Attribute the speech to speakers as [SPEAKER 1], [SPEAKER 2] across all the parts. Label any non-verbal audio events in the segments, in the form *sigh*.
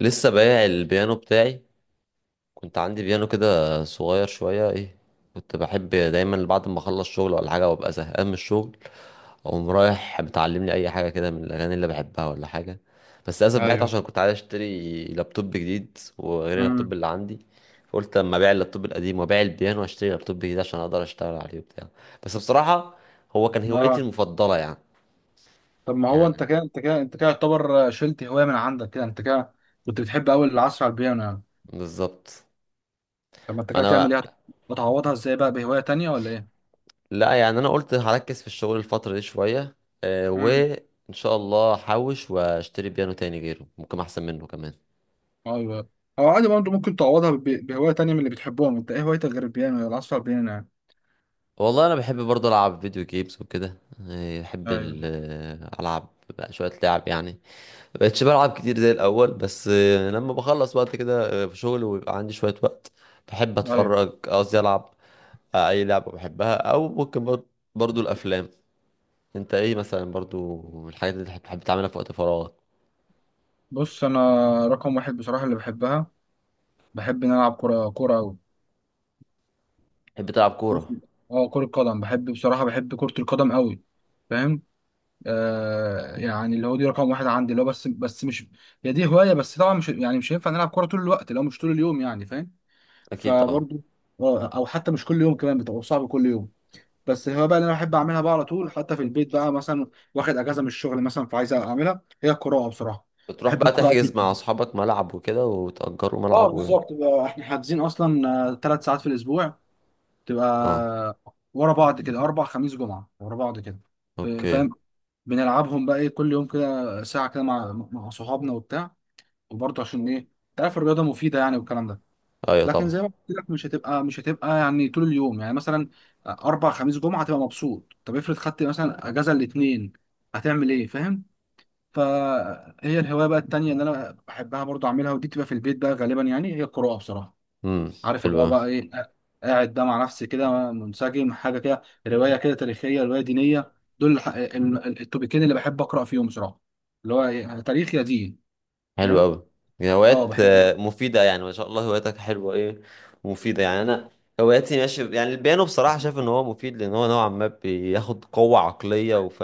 [SPEAKER 1] لسه بايع البيانو بتاعي. كنت عندي بيانو كده صغير شوية، ايه، كنت بحب دايما بعد ما اخلص شغل ولا حاجة وابقى زهقان من الشغل، اقوم رايح متعلم لي اي حاجة كده من الاغاني اللي بحبها ولا حاجة. بس للاسف بعت
[SPEAKER 2] ايوه.
[SPEAKER 1] عشان كنت عايز اشتري لابتوب جديد وغير اللابتوب
[SPEAKER 2] امم
[SPEAKER 1] اللي عندي. فقلت اما ابيع اللابتوب القديم وابيع البيانو واشتري لابتوب جديد عشان اقدر اشتغل عليه وبتاع. بس بصراحة هو كان هوايتي
[SPEAKER 2] اه،
[SPEAKER 1] المفضلة يعني.
[SPEAKER 2] طب ما هو
[SPEAKER 1] يعني،
[SPEAKER 2] انت كده يعتبر شلت هوايه من عندك كده، انت كده كنت بتحب قوي العصر على البيانو يعني؟
[SPEAKER 1] بالظبط.
[SPEAKER 2] طب ما انت كده تعمل
[SPEAKER 1] انا.
[SPEAKER 2] ايه؟ هتعوضها ازاي بقى بهوايه تانية ولا ايه؟
[SPEAKER 1] لا يعني انا قلت هركز في الشغل الفترة دي شوية.
[SPEAKER 2] امم
[SPEAKER 1] وان شاء الله هحوش واشتري بيانو تاني غيره ممكن احسن منه كمان.
[SPEAKER 2] ايوه، او عادي برضه ممكن تعوضها بهوايه تانية من اللي بتحبهم انت. ايه هوايتك غير البيانو ولا العصر على البيانو يعني؟
[SPEAKER 1] والله انا بحب برضه العب فيديو جيمز وكده، بحب
[SPEAKER 2] ايوه
[SPEAKER 1] العب بقى شوية لعب يعني. مبقتش بلعب كتير زي الاول، بس لما بخلص وقت كده، في شغل ويبقى عندي شوية وقت بحب
[SPEAKER 2] ايوه.
[SPEAKER 1] اتفرج، قصدي العب اي لعبة بحبها، او ممكن برضه الافلام. انت ايه مثلا برضه الحاجات اللي بتحب تعملها في وقت فراغك؟
[SPEAKER 2] بص انا، رقم واحد بصراحه اللي بحبها، بحب ان أنا العب كوره قوي.
[SPEAKER 1] بتحب تلعب كورة؟
[SPEAKER 2] اه، كره قدم. بحب بصراحه بحب كره القدم قوي. فاهم؟ يعني اللي هو دي رقم واحد عندي، اللي هو بس مش، هي دي هوايه. بس طبعا مش يعني مش هينفع نلعب كوره طول الوقت لو مش طول اليوم يعني. فاهم؟
[SPEAKER 1] اكيد طبعا.
[SPEAKER 2] فبرضو او حتى مش كل يوم كمان، بتبقى صعب كل يوم. بس الهوايه بقى اللي انا بحب اعملها بقى على طول حتى في البيت بقى، مثلا واخد اجازه من الشغل مثلا فعايز اعملها، هي القراءه بصراحه.
[SPEAKER 1] بتروح
[SPEAKER 2] بحب
[SPEAKER 1] بقى
[SPEAKER 2] القراءه
[SPEAKER 1] تحجز مع
[SPEAKER 2] جدا.
[SPEAKER 1] اصحابك ملعب وكده وتأجروا
[SPEAKER 2] اه
[SPEAKER 1] ملعب و...
[SPEAKER 2] بالظبط، بقى احنا حاجزين اصلا ثلاث ساعات في الاسبوع،
[SPEAKER 1] اه.
[SPEAKER 2] تبقى ورا بعض كده، اربع خميس جمعه ورا بعض كده.
[SPEAKER 1] اوكي.
[SPEAKER 2] فاهم؟ بنلعبهم بقى ايه، كل يوم كده ساعه كده مع صحابنا وبتاع. وبرضه عشان ايه، انت عارف الرياضه مفيده يعني والكلام ده.
[SPEAKER 1] ايوه
[SPEAKER 2] لكن
[SPEAKER 1] طبعا.
[SPEAKER 2] زي ما قلت لك مش هتبقى يعني طول اليوم يعني. مثلا اربع خميس جمعه هتبقى مبسوط، طب افرض خدت مثلا اجازه الاثنين، هتعمل ايه؟ فاهم؟ فهي الهوايه بقى التانيه اللي انا بحبها برضه اعملها، ودي بتبقى في البيت بقى غالبا، يعني هي القراءه بصراحه.
[SPEAKER 1] امم.
[SPEAKER 2] عارف
[SPEAKER 1] حلو
[SPEAKER 2] اللي هو
[SPEAKER 1] قوي.
[SPEAKER 2] بقى ايه، قاعد بقى مع نفسي كده منسجم حاجه كده، روايه كده تاريخيه، روايه دينيه. دول التوبيكين اللي بحب اقرا فيهم بصراحه، اللي هو إيه، تاريخ يا دين.
[SPEAKER 1] حلو
[SPEAKER 2] فاهم؟
[SPEAKER 1] قوي.
[SPEAKER 2] اه
[SPEAKER 1] هوايات
[SPEAKER 2] بحب.
[SPEAKER 1] مفيدة يعني، ما شاء الله هواياتك حلوة، ايه، مفيدة يعني. انا هواياتي ماشي يعني. البيانو بصراحة شايف ان هو مفيد لان هو نوعا ما بياخد قوة عقلية وف...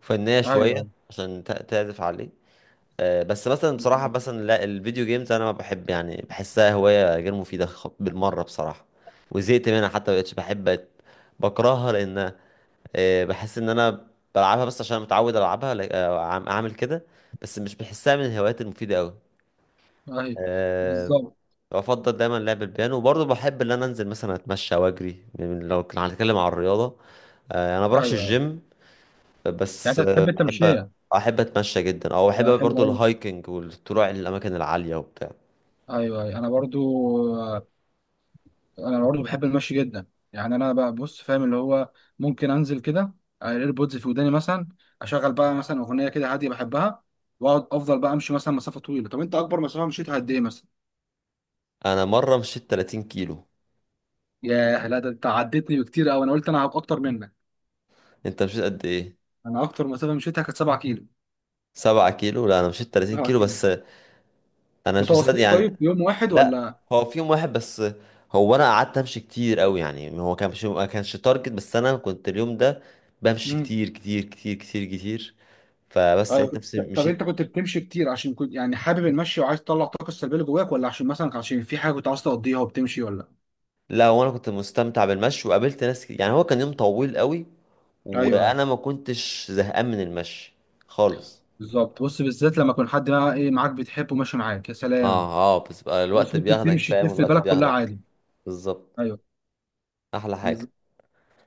[SPEAKER 1] وفنية شوية
[SPEAKER 2] ايوه
[SPEAKER 1] عشان تعزف عليه. بس مثلا بصراحة
[SPEAKER 2] بالظبط.
[SPEAKER 1] مثلا لا، الفيديو جيمز أنا ما بحب، يعني بحسها هواية غير مفيدة بالمرة بصراحة. وزهقت منها، حتى مبقتش بحب، بقت بكرهها، لأن بحس إن أنا بلعبها بس عشان متعود ألعبها أعمل كده. بس مش بحسها من الهوايات المفيدة أوي.
[SPEAKER 2] ايوه
[SPEAKER 1] أه.
[SPEAKER 2] بالظبط.
[SPEAKER 1] بفضل دايما لعب البيانو، وبرضه بحب إن أنا أنزل مثلا أتمشى وأجري لو كنا هنتكلم عن الرياضة، أه أنا ما
[SPEAKER 2] ايوه
[SPEAKER 1] بروحش
[SPEAKER 2] أيوه.
[SPEAKER 1] الجيم،
[SPEAKER 2] يعني
[SPEAKER 1] بس
[SPEAKER 2] انت بتحب
[SPEAKER 1] بحب
[SPEAKER 2] التمشيه؟
[SPEAKER 1] احب اتمشى جدا، او احب
[SPEAKER 2] حلو
[SPEAKER 1] برضو
[SPEAKER 2] قوي.
[SPEAKER 1] الهايكنج والطلوع للاماكن العاليه وبتاع.
[SPEAKER 2] ايوه أيوة. انا برضو، انا برضه بحب المشي جدا. يعني انا بقى بص، فاهم اللي هو ممكن انزل كده، الايربودز في وداني مثلا، اشغل بقى مثلا اغنيه كده هاديه بحبها، واقعد افضل بقى امشي مثلا مسافه طويله. طب انت اكبر مسافه مشيتها قد ايه مثلا؟
[SPEAKER 1] انا مره مشيت 30 كيلو.
[SPEAKER 2] ياه، لا ده انت عدتني بكتير قوي. انا قلت انا هبقى اكتر منك.
[SPEAKER 1] انت مشيت قد ايه؟
[SPEAKER 2] انا اكتر مسافه مشيتها كانت 7 كيلو.
[SPEAKER 1] 7 كيلو؟ لا انا مشيت 30
[SPEAKER 2] 7
[SPEAKER 1] كيلو
[SPEAKER 2] كيلو
[SPEAKER 1] بس. انا مش مصدق
[SPEAKER 2] متواصلين؟
[SPEAKER 1] يعني.
[SPEAKER 2] طيب يوم واحد
[SPEAKER 1] لا
[SPEAKER 2] ولا؟
[SPEAKER 1] هو في يوم واحد بس. هو انا قعدت امشي كتير قوي يعني، هو كان مش، ما كانش تارجت، بس انا كنت اليوم ده بمشي
[SPEAKER 2] امم
[SPEAKER 1] كتير، فبس
[SPEAKER 2] ايوه.
[SPEAKER 1] لقيت نفسي
[SPEAKER 2] طب انت
[SPEAKER 1] مشيت.
[SPEAKER 2] كنت بتمشي كتير عشان كنت يعني حابب المشي وعايز تطلع الطاقه السلبيه اللي جواك، ولا عشان مثلا، عشان في حاجه كنت عايز تقضيها وبتمشي ولا؟
[SPEAKER 1] لا وانا كنت مستمتع بالمشي وقابلت ناس كتير. يعني هو كان يوم طويل قوي
[SPEAKER 2] ايوه
[SPEAKER 1] وانا ما كنتش زهقان من المشي خالص.
[SPEAKER 2] بالظبط. بص، بالذات لما يكون حد بقى ايه معاك بتحبه ماشي معاك يا سلام.
[SPEAKER 1] اه اه، بس بقى
[SPEAKER 2] بص
[SPEAKER 1] الوقت
[SPEAKER 2] ممكن
[SPEAKER 1] بياخدك،
[SPEAKER 2] تمشي
[SPEAKER 1] فاهم،
[SPEAKER 2] تلف
[SPEAKER 1] الوقت
[SPEAKER 2] البلد كلها
[SPEAKER 1] بياخدك.
[SPEAKER 2] عادي.
[SPEAKER 1] بالظبط،
[SPEAKER 2] ايوه
[SPEAKER 1] احلى حاجه.
[SPEAKER 2] بالظبط.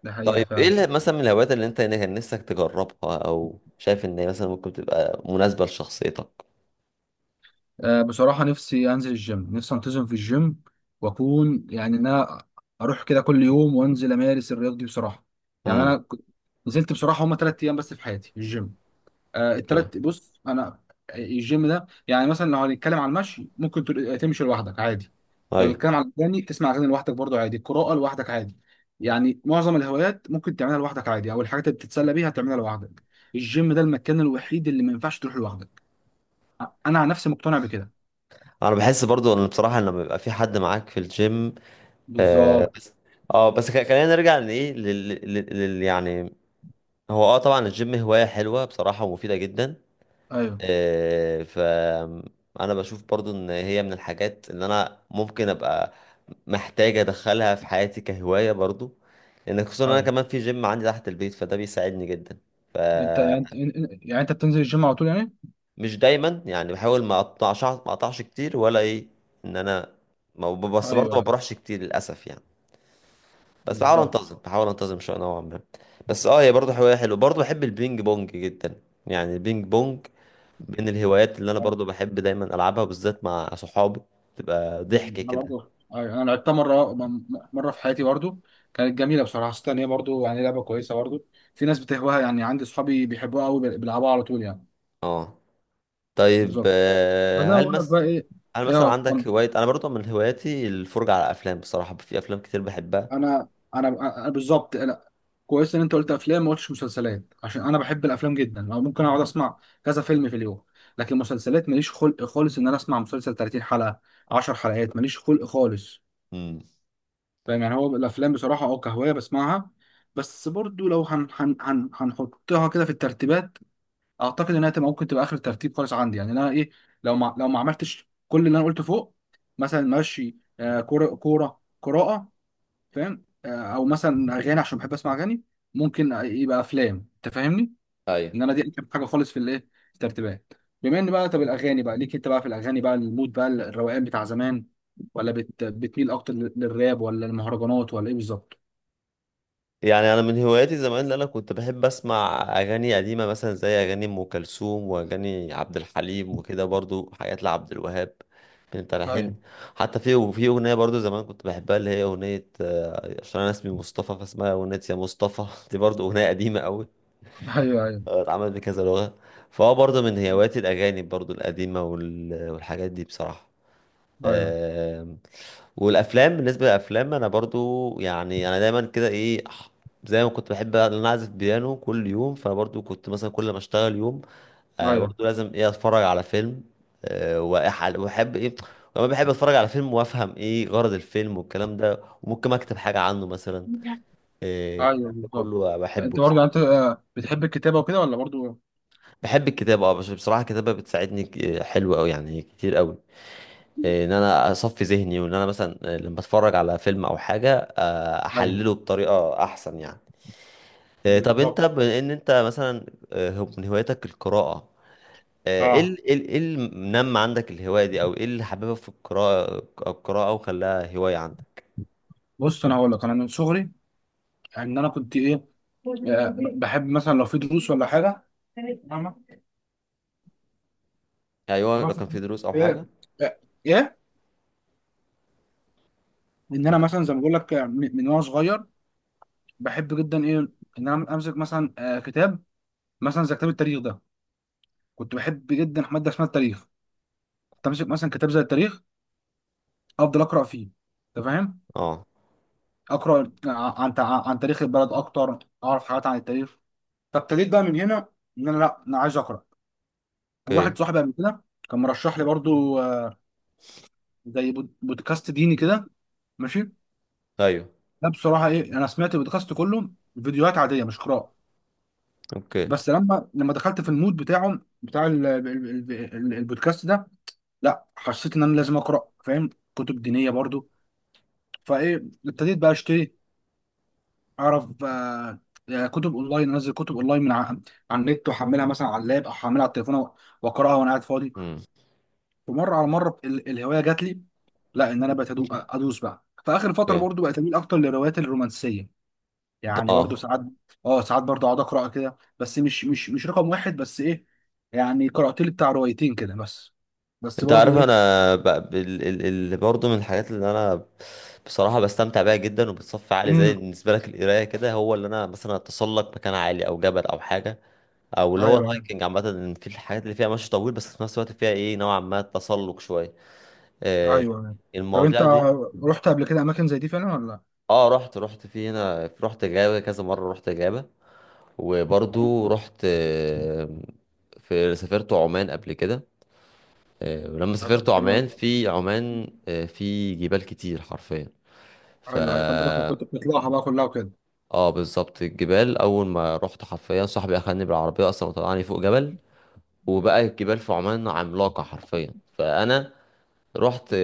[SPEAKER 2] ده حقيقه
[SPEAKER 1] طيب ايه
[SPEAKER 2] فعلا.
[SPEAKER 1] مثلا من الهوايات اللي انت كان نفسك تجربها او شايف ان هي مثلا ممكن تبقى مناسبه لشخصيتك؟
[SPEAKER 2] آه بصراحه نفسي انزل الجيم، نفسي انتظم في الجيم واكون يعني ان انا اروح كده كل يوم وانزل امارس الرياضه دي بصراحه. يعني انا
[SPEAKER 1] امم.
[SPEAKER 2] نزلت بصراحه هما ثلاث ايام بس في حياتي الجيم. آه
[SPEAKER 1] اوكي.
[SPEAKER 2] التلات. بص انا الجيم ده يعني، مثلا لو هنتكلم على المشي ممكن تمشي لوحدك عادي، لو
[SPEAKER 1] ايوه.
[SPEAKER 2] هنتكلم على الاغاني تسمع اغاني لوحدك برضو عادي، القراءه لوحدك عادي. يعني معظم الهوايات ممكن تعملها لوحدك عادي، او الحاجات اللي بتتسلى بيها تعملها لوحدك. الجيم ده المكان الوحيد اللي ما ينفعش تروح لوحدك. انا عن نفسي مقتنع بكده.
[SPEAKER 1] انا بحس برضو ان بصراحه لما بيبقى في حد معاك في الجيم، آه
[SPEAKER 2] بالظبط.
[SPEAKER 1] بس، اه بس، خلينا نرجع لايه، يعني هو اه طبعا الجيم هوايه حلوه بصراحه ومفيده جدا،
[SPEAKER 2] ايوه
[SPEAKER 1] فأنا بشوف برضو إن هي من الحاجات اللي أنا ممكن أبقى محتاج أدخلها في حياتي كهواية برضو، لأن خصوصا إن أنا
[SPEAKER 2] ايوه.
[SPEAKER 1] كمان في جيم عندي تحت البيت فده بيساعدني جدا.
[SPEAKER 2] انت
[SPEAKER 1] فمش
[SPEAKER 2] يعني انت بتنزل الجيم على طول يعني؟
[SPEAKER 1] دايما يعني، بحاول ما أقطعش كتير ولا إيه، إن أنا ما ب- بس
[SPEAKER 2] ايوه
[SPEAKER 1] برضو ما
[SPEAKER 2] ايوه
[SPEAKER 1] بروحش كتير للأسف يعني. بس بحاول
[SPEAKER 2] بالظبط.
[SPEAKER 1] أنتظم بحاول أنتظم شوية نوعا ما. بس أه هي برضو هواية حلوة، برضو بحب البينج بونج جدا يعني. البينج بونج من الهوايات اللي انا برضو بحب دايما العبها بالذات مع صحابي، تبقى ضحك
[SPEAKER 2] انا
[SPEAKER 1] كده.
[SPEAKER 2] برضو أيوة، انا لعبتها مره، مره في حياتي برضو. كانت جميله بصراحه. حسيت ان هي برضو يعني لعبه كويسه برضو. في ناس بتهواها يعني، عندي صحابي بيحبوها قوي بيلعبوها على طول يعني.
[SPEAKER 1] اه. طيب
[SPEAKER 2] بالظبط. فزي ما
[SPEAKER 1] هل
[SPEAKER 2] بقول لك
[SPEAKER 1] مثلا،
[SPEAKER 2] بقى ايه.
[SPEAKER 1] هل مثلا
[SPEAKER 2] اه انا
[SPEAKER 1] عندك هواية؟ انا برضو من هواياتي الفرجة على افلام، بصراحة في افلام كتير بحبها.
[SPEAKER 2] انا انا أنا بالظبط انا، كويس ان انت قلت افلام ما قلتش مسلسلات، عشان انا بحب الافلام جدا، او ممكن اقعد اسمع كذا فيلم في اليوم. لكن مسلسلات ماليش خلق خالص ان انا اسمع مسلسل 30 حلقه، 10 حلقات ماليش خلق خالص.
[SPEAKER 1] امم.
[SPEAKER 2] فاهم يعني. هو الافلام بصراحه اه كهوايه بسمعها، بس برضو لو هن هن هن هنحطها كده في الترتيبات، اعتقد انها تبقى ممكن تبقى اخر ترتيب خالص عندي يعني. انا ايه، لو ما عملتش كل اللي انا قلته فوق، مثلا ماشي آه، كوره، قراءه. فاهم آه، او مثلا اغاني عشان بحب اسمع اغاني، ممكن يبقى افلام. انت فاهمني،
[SPEAKER 1] ايوه.
[SPEAKER 2] ان انا دي اخر حاجه خالص في الايه، في الترتيبات. بما ان بقى، طب الاغاني بقى ليك انت بقى، في الاغاني بقى المود بقى الروقان بتاع زمان، ولا بتميل اكتر للراب ولا المهرجانات ولا ايه بالظبط؟
[SPEAKER 1] يعني انا من هواياتي زمان اللي انا كنت بحب اسمع اغاني قديمه مثلا زي اغاني ام كلثوم واغاني عبد الحليم وكده، برضو حاجات لعبد الوهاب من
[SPEAKER 2] ايوه
[SPEAKER 1] التلحين. حتى في وفي اغنيه برضو زمان كنت بحبها اللي هي اغنيه عشان انا اسمي مصطفى فاسمها اغنيه يا مصطفى *laughs* دي برضو اغنيه قديمه قوي،
[SPEAKER 2] ايوه ايوه
[SPEAKER 1] اتعملت بكذا لغه. فهو برضو من هواياتي الاغاني برضو القديمه والحاجات دي بصراحه.
[SPEAKER 2] ايوه
[SPEAKER 1] آمم. والافلام، بالنسبه للافلام انا برضو يعني انا دايما كده ايه، زي ما كنت بحب بقى ان انا اعزف بيانو كل يوم، فبرضو كنت مثلا كل ما اشتغل يوم آه
[SPEAKER 2] ايوه.
[SPEAKER 1] برضو لازم ايه اتفرج على فيلم، آه واحب ايه كمان، بحب اتفرج على فيلم وافهم ايه غرض الفيلم والكلام ده وممكن اكتب حاجه عنه مثلا.
[SPEAKER 2] *laughs* ايوه
[SPEAKER 1] الكلام ده
[SPEAKER 2] بالظبط.
[SPEAKER 1] كله بحبه
[SPEAKER 2] انت برضه يعني
[SPEAKER 1] بصراحه.
[SPEAKER 2] انت، بتحب الكتابه وكده ولا برضه؟
[SPEAKER 1] بحب الكتابه اه، بس بصراحه الكتابه بتساعدني حلوه قوي يعني، كتير قوي ان انا اصفي ذهني وان انا مثلا لما اتفرج على فيلم او حاجه
[SPEAKER 2] ايوه
[SPEAKER 1] احلله بطريقه احسن يعني. طب انت
[SPEAKER 2] بالظبط.
[SPEAKER 1] بما ان انت مثلا من هواياتك القراءه، ايه
[SPEAKER 2] اه.
[SPEAKER 1] ايه ال- إيه اللي منمى عندك الهوايه دي او ايه اللي حببك في القراءه، القراءه وخلاها هوايه عندك؟
[SPEAKER 2] بص انا هقول لك، انا من صغري ان انا كنت ايه، بحب مثلا لو في دروس ولا حاجه. *laughs* فاهمه.
[SPEAKER 1] ايوه
[SPEAKER 2] انا
[SPEAKER 1] لو
[SPEAKER 2] في
[SPEAKER 1] كان في دروس او حاجه.
[SPEAKER 2] ايه، ايه ان انا
[SPEAKER 1] اوكي.
[SPEAKER 2] مثلا زي ما بقول لك من وانا صغير، بحب جدا ايه، ان انا امسك مثلا كتاب، مثلا زي كتاب التاريخ ده. كنت بحب جدا ماده اسمها التاريخ. كنت امسك مثلا كتاب زي التاريخ، افضل اقرا فيه. انت فاهم؟
[SPEAKER 1] اه.
[SPEAKER 2] اقرا عن تاريخ البلد اكتر، اعرف حاجات عن التاريخ. فابتديت بقى من هنا، ان انا لا انا عايز اقرا. واحد
[SPEAKER 1] اوكي.
[SPEAKER 2] صاحبي قبل كده كان مرشح لي برضو زي بودكاست ديني كده، ماشي.
[SPEAKER 1] ايوه.
[SPEAKER 2] ده بصراحه ايه، انا سمعت البودكاست كله، فيديوهات عاديه مش قراءه.
[SPEAKER 1] اوكي.
[SPEAKER 2] بس لما دخلت في المود بتاعه بتاع ال- البودكاست ده، لا حسيت ان انا لازم اقرا. فاهم؟ كتب دينيه برضو. فايه ابتديت بقى اشتري، اعرف كتب اونلاين، انزل كتب اونلاين على النت، واحملها مثلا على اللاب، او احملها على التليفون واقراها وانا قاعد فاضي.
[SPEAKER 1] امم.
[SPEAKER 2] ومره على مره ال- الهوايه جات لي. لا ان انا بقيت ادوس بقى. فاخر فتره
[SPEAKER 1] اوكي.
[SPEAKER 2] برضو بقيت اميل اكتر للروايات الرومانسيه. يعني برضو
[SPEAKER 1] اه.
[SPEAKER 2] ساعات، اه ساعات برضو اقعد اقرا كده، بس مش رقم واحد بس. ايه يعني، قرات لي بتاع روايتين كده بس. بس
[SPEAKER 1] انت
[SPEAKER 2] برضو
[SPEAKER 1] عارف
[SPEAKER 2] ايه.
[SPEAKER 1] انا ب... ال... ال... ال... برضه من الحاجات اللي انا بصراحه بستمتع بيها جدا وبتصفي عالي، زي
[SPEAKER 2] امم
[SPEAKER 1] بالنسبه لك القرايه كده، هو اللي انا مثلا اتسلق مكان عالي او جبل او حاجه، او اللي هو
[SPEAKER 2] ايوه ايوه
[SPEAKER 1] الهايكنج عامه، ان في الحاجات اللي فيها مشي طويل بس في نفس الوقت فيها ايه نوعا ما تسلق شويه،
[SPEAKER 2] ايوه
[SPEAKER 1] آه
[SPEAKER 2] أيوة. طب انت
[SPEAKER 1] المواضيع دي.
[SPEAKER 2] رحت قبل كده اماكن زي دي فعلا ولا لا؟
[SPEAKER 1] اه رحت، رحت في هنا رحت جابه كذا مره، رحت جابه وبرضه رحت في سافرت عمان قبل كده، ولما
[SPEAKER 2] آه
[SPEAKER 1] سافرت
[SPEAKER 2] طب حلو
[SPEAKER 1] عمان
[SPEAKER 2] قوي.
[SPEAKER 1] في عمان في جبال كتير حرفيا. ف
[SPEAKER 2] ايوه ايوه. فانت كنت بتطلعها بقى كلها وكده.
[SPEAKER 1] اه بالظبط، الجبال اول ما رحت حرفيا صاحبي اخدني بالعربيه اصلا وطلعني فوق جبل، وبقى الجبال في عمان عملاقه حرفيا، فانا رحت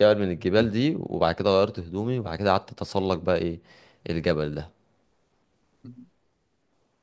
[SPEAKER 1] جبل من الجبال دي وبعد كده غيرت هدومي وبعد كده قعدت اتسلق بقى ايه الجبل ده